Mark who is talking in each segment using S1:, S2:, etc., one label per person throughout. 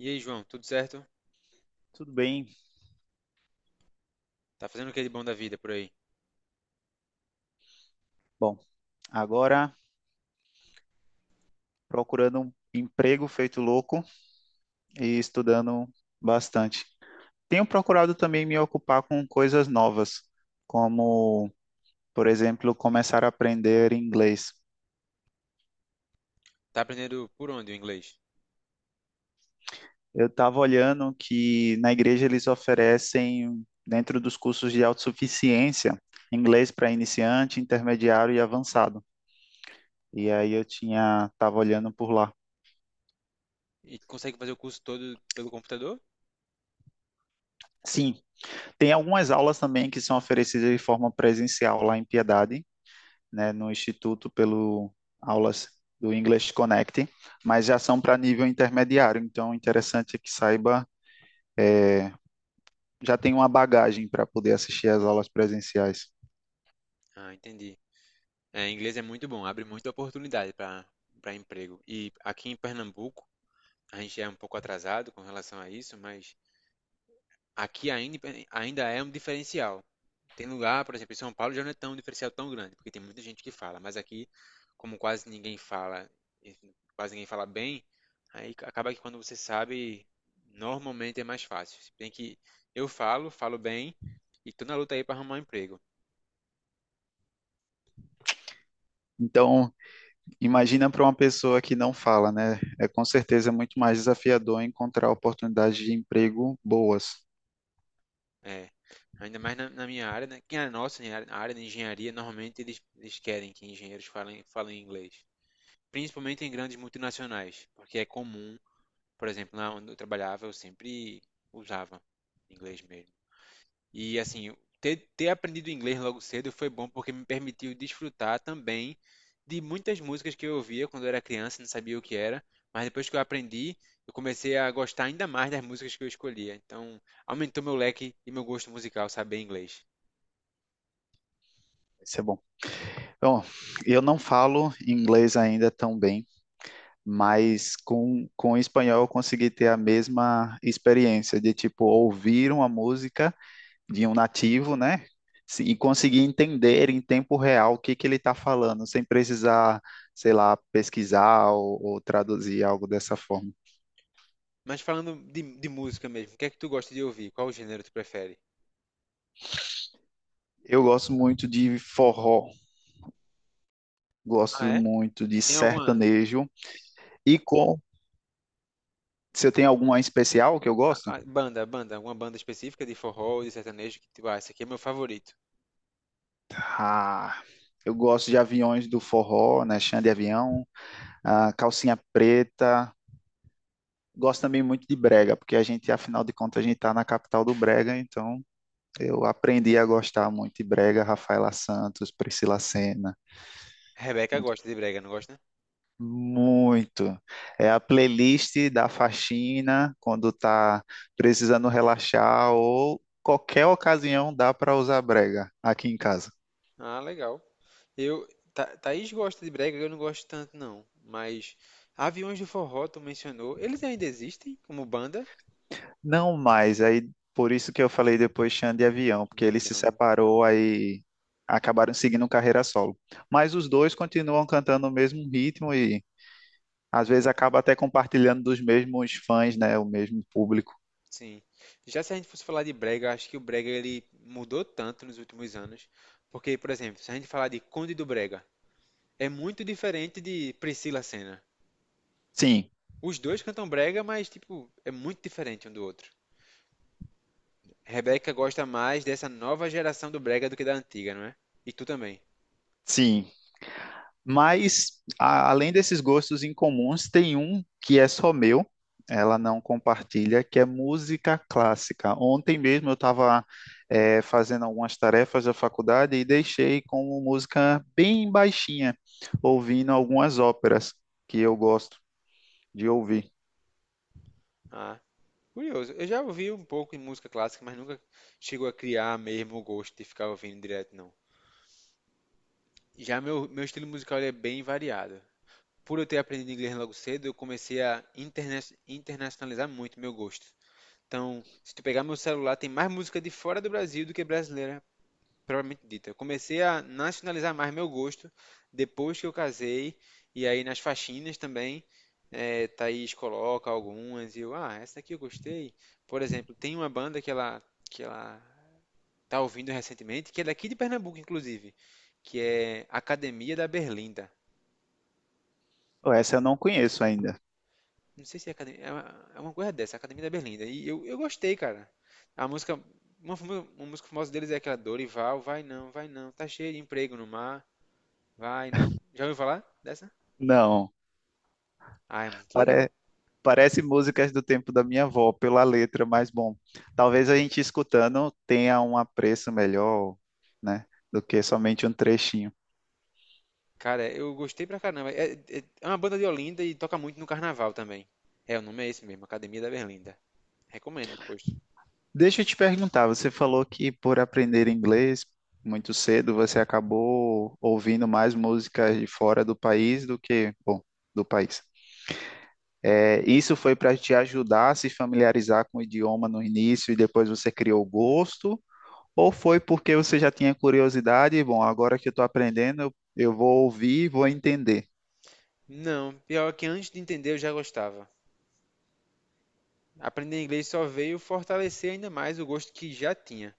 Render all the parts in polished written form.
S1: E aí, João, tudo certo?
S2: Tudo bem.
S1: Tá fazendo o que de bom da vida por aí?
S2: Bom, agora procurando um emprego feito louco e estudando bastante. Tenho procurado também me ocupar com coisas novas, como, por exemplo, começar a aprender inglês.
S1: Tá aprendendo por onde o inglês?
S2: Eu estava olhando que na igreja eles oferecem, dentro dos cursos de autossuficiência, inglês para iniciante, intermediário e avançado. E aí estava olhando por lá.
S1: E consegue fazer o curso todo pelo computador?
S2: Sim, tem algumas aulas também que são oferecidas de forma presencial lá em Piedade, né, no Instituto pelo aulas do English Connect, mas já são para nível intermediário, então o interessante é que saiba, já tem uma bagagem para poder assistir às aulas presenciais.
S1: Ah, entendi. É, inglês é muito bom, abre muita oportunidade para emprego. E aqui em Pernambuco, a gente é um pouco atrasado com relação a isso, mas aqui ainda, ainda é um diferencial. Tem lugar, por exemplo, em São Paulo já não é tão um diferencial tão grande, porque tem muita gente que fala, mas aqui, como quase ninguém fala, enfim, quase ninguém fala bem, aí acaba que quando você sabe, normalmente é mais fácil. Se bem que eu falo, falo bem, e tô na luta aí para arrumar um emprego.
S2: Então, imagina para uma pessoa que não fala, né? É, com certeza é muito mais desafiador encontrar oportunidades de emprego boas.
S1: É, ainda mais na minha área, né? Que é a nossa, né, a área de engenharia, normalmente eles querem que engenheiros falem, falem inglês, principalmente em grandes multinacionais, porque é comum, por exemplo, lá onde eu trabalhava, eu sempre usava inglês mesmo. E assim, ter aprendido inglês logo cedo foi bom porque me permitiu desfrutar também de muitas músicas que eu ouvia quando eu era criança, e não sabia o que era, mas depois que eu aprendi, eu comecei a gostar ainda mais das músicas que eu escolhia. Então, aumentou meu leque e meu gosto musical saber inglês.
S2: Isso é bom. Então, eu não falo inglês ainda tão bem, mas com o espanhol eu consegui ter a mesma experiência de tipo ouvir uma música de um nativo, né? E conseguir entender em tempo real o que que ele está falando, sem precisar, sei lá, pesquisar ou traduzir algo dessa forma.
S1: Mas falando de música mesmo, o que é que tu gosta de ouvir? Qual gênero tu prefere?
S2: Eu gosto muito de forró, gosto
S1: Ah, é?
S2: muito de
S1: Tem alguma
S2: sertanejo. E com, Você tem alguma especial que eu gosto?
S1: alguma banda específica de forró, de sertanejo que tu, ah, esse aqui é meu favorito.
S2: Ah, eu gosto de Aviões do Forró, né? Xande Avião, ah, Calcinha Preta, gosto também muito de brega, porque a gente, afinal de contas, a gente está na capital do brega, então eu aprendi a gostar muito de brega, Rafaela Santos, Priscila Senna,
S1: Rebeca
S2: muito,
S1: gosta de brega, não gosta?
S2: muito. É a playlist da faxina quando tá precisando relaxar, ou qualquer ocasião dá para usar brega aqui em casa.
S1: Ah, legal. Eu, Thaís gosta de brega, eu não gosto tanto não, mas Aviões do Forró, tu mencionou, eles ainda existem como banda
S2: Não mais, aí por isso que eu falei depois Xande e Avião, porque
S1: de
S2: ele se
S1: avião, né?
S2: separou, aí acabaram seguindo carreira solo. Mas os dois continuam cantando o mesmo ritmo e às vezes acaba até compartilhando dos mesmos fãs, né? O mesmo público.
S1: Sim. Já se a gente fosse falar de brega, acho que o brega ele mudou tanto nos últimos anos, porque, por exemplo, se a gente falar de Conde do Brega, é muito diferente de Priscila Senna.
S2: Sim,
S1: Os dois cantam brega, mas tipo, é muito diferente um do outro. Rebeca gosta mais dessa nova geração do brega do que da antiga, não é? E tu também.
S2: sim. Mas, além desses gostos incomuns, tem um que é só meu, ela não compartilha, que é música clássica. Ontem mesmo eu estava fazendo algumas tarefas da faculdade e deixei com música bem baixinha, ouvindo algumas óperas que eu gosto de ouvir.
S1: Ah, curioso. Eu já ouvi um pouco de música clássica, mas nunca chegou a criar mesmo o gosto de ficar ouvindo direto, não. Já meu estilo musical ele é bem variado. Por eu ter aprendido inglês logo cedo, eu comecei a internacionalizar muito meu gosto. Então, se tu pegar meu celular, tem mais música de fora do Brasil do que brasileira propriamente dita. Eu comecei a nacionalizar mais meu gosto depois que eu casei, e aí nas faxinas também, é, Thaís coloca algumas, e eu, ah, essa aqui eu gostei. Por exemplo, tem uma banda que ela tá ouvindo recentemente, que é daqui de Pernambuco, inclusive, que é Academia da Berlinda.
S2: Essa eu não conheço ainda.
S1: Não sei se é Academia, é uma coisa dessa, Academia da Berlinda. E eu gostei, cara. A música, uma, uma música famosa deles é aquela Dorival, vai não, tá cheio de emprego no mar. Vai, não. Já ouviu falar dessa?
S2: Não,
S1: Ah, é muito legal.
S2: pare. Parece músicas do tempo da minha avó, pela letra, mas bom, talvez a gente escutando tenha um apreço melhor, né, do que somente um trechinho.
S1: Cara, eu gostei pra caramba. É, é uma banda de Olinda e toca muito no carnaval também. É, o nome é esse mesmo, Academia da Berlinda. Recomendo depois.
S2: Deixa eu te perguntar, você falou que por aprender inglês muito cedo, você acabou ouvindo mais músicas de fora do país do que, bom, do país. É, isso foi para te ajudar a se familiarizar com o idioma no início e depois você criou gosto? Ou foi porque você já tinha curiosidade e, bom, agora que eu estou aprendendo, eu vou ouvir e vou entender.
S1: Não, pior que antes de entender eu já gostava. Aprender inglês só veio fortalecer ainda mais o gosto que já tinha,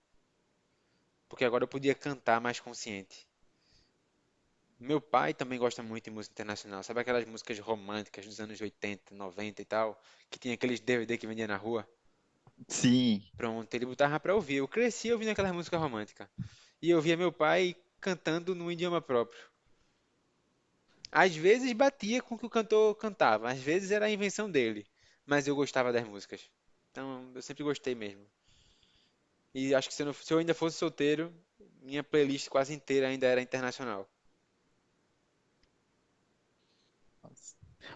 S1: porque agora eu podia cantar mais consciente. Meu pai também gosta muito de música internacional, sabe aquelas músicas românticas dos anos 80, 90 e tal, que tinha aqueles DVD que vendia na rua?
S2: Sim.
S1: Pronto, ele botava pra ouvir. Eu cresci ouvindo aquela música romântica. E eu via meu pai cantando num idioma próprio. Às vezes batia com o que o cantor cantava, às vezes era a invenção dele. Mas eu gostava das músicas. Então, eu sempre gostei mesmo. E acho que se eu ainda fosse solteiro, minha playlist quase inteira ainda era internacional.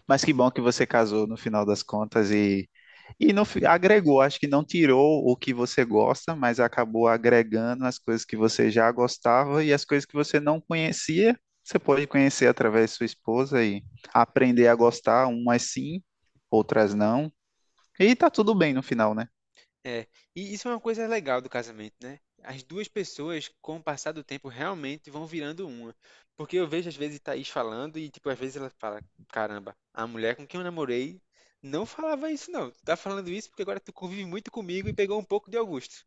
S2: Mas que bom que você casou no final das contas e no, fi- agregou. Acho que não tirou o que você gosta, mas acabou agregando as coisas que você já gostava e as coisas que você não conhecia. Você pode conhecer através de sua esposa e aprender a gostar, umas sim, outras não. E tá tudo bem no final, né?
S1: É, e isso é uma coisa legal do casamento, né? As duas pessoas, com o passar do tempo, realmente vão virando uma. Porque eu vejo, às vezes, Thaís falando e, tipo, às vezes ela fala: caramba, a mulher com quem eu namorei não falava isso, não. Tu tá falando isso porque agora tu convive muito comigo e pegou um pouco de Augusto.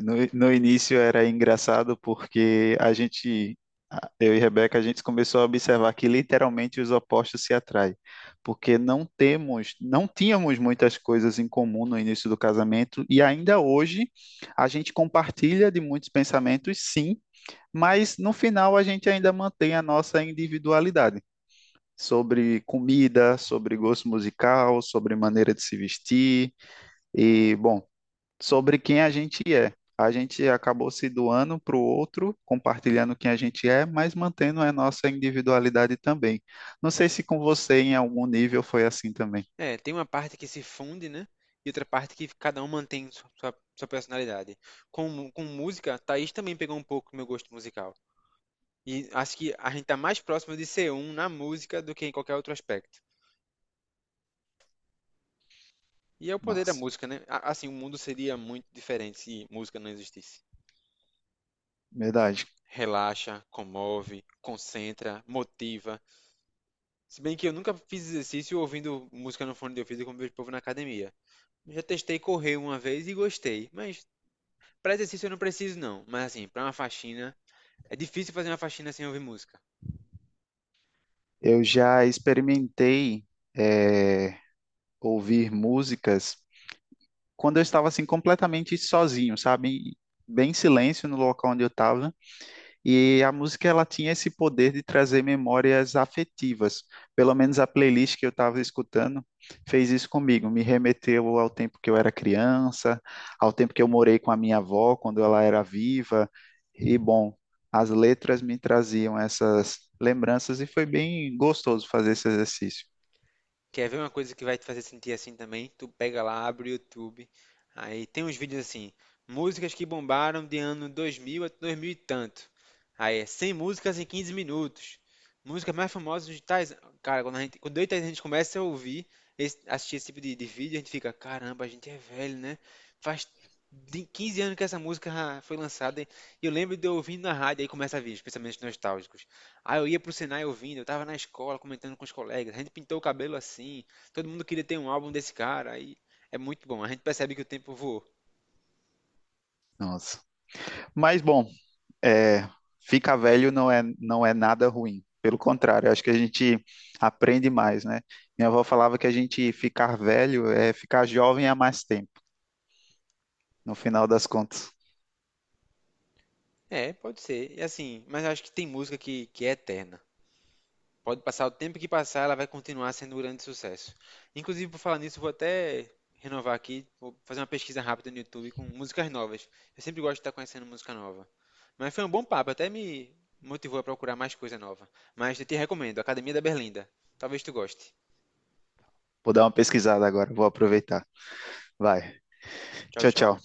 S2: No início era engraçado porque eu e Rebeca, a gente começou a observar que literalmente os opostos se atraem, porque não tínhamos muitas coisas em comum no início do casamento e ainda hoje a gente compartilha de muitos pensamentos, sim, mas no final a gente ainda mantém a nossa individualidade. Sobre comida, sobre gosto musical, sobre maneira de se vestir. E, bom, sobre quem a gente é. A gente acabou se doando para o outro, compartilhando quem a gente é, mas mantendo a nossa individualidade também. Não sei se com você, em algum nível, foi assim também.
S1: É, tem uma parte que se funde, né? E outra parte que cada um mantém sua personalidade. Com, com música, Thaís também pegou um pouco do meu gosto musical. E acho que a gente tá mais próximo de ser um na música do que em qualquer outro aspecto. E é o poder da
S2: Nossa,
S1: música, né? Assim, o mundo seria muito diferente se música não existisse.
S2: verdade.
S1: Relaxa, comove, concentra, motiva. Se bem que eu nunca fiz exercício ouvindo música no fone de ouvido como vejo o povo na academia. Já testei correr uma vez e gostei, mas para exercício eu não preciso não. Mas assim, para uma faxina, é difícil fazer uma faxina sem ouvir música.
S2: Eu já experimentei eh, ouvir músicas quando eu estava assim completamente sozinho, sabe? Bem em silêncio no local onde eu estava. E a música ela tinha esse poder de trazer memórias afetivas. Pelo menos a playlist que eu estava escutando fez isso comigo, me remeteu ao tempo que eu era criança, ao tempo que eu morei com a minha avó quando ela era viva. E bom, as letras me traziam essas lembranças e foi bem gostoso fazer esse exercício.
S1: Quer ver uma coisa que vai te fazer sentir assim também? Tu pega lá, abre o YouTube, aí tem uns vídeos assim, músicas que bombaram de ano 2000 a 2000 e tanto. Aí é 100 músicas em 15 minutos. Músicas mais famosas de tais... Cara, quando eu e Thaís, a gente começa a ouvir, assistir esse tipo de vídeo, a gente fica, caramba, a gente é velho, né? Faz 15 anos que essa música foi lançada e eu lembro de eu ouvindo na rádio, aí começa a vir os pensamentos nostálgicos. Aí eu ia pro Senai ouvindo, eu tava na escola comentando com os colegas, a gente pintou o cabelo assim, todo mundo queria ter um álbum desse cara, aí é muito bom, a gente percebe que o tempo voou.
S2: Nossa. Mas bom, é, ficar velho não é nada ruim. Pelo contrário, acho que a gente aprende mais, né? Minha avó falava que a gente ficar velho é ficar jovem há mais tempo, no final das contas.
S1: É, pode ser, e assim, mas eu acho que tem música que é eterna. Pode passar o tempo que passar, ela vai continuar sendo um grande sucesso. Inclusive, por falar nisso, vou até renovar aqui, vou fazer uma pesquisa rápida no YouTube com músicas novas. Eu sempre gosto de estar conhecendo música nova. Mas foi um bom papo, até me motivou a procurar mais coisa nova. Mas eu te recomendo, Academia da Berlinda. Talvez tu goste.
S2: Vou dar uma pesquisada agora, vou aproveitar. Vai.
S1: Tchau,
S2: Tchau, tchau.
S1: tchau.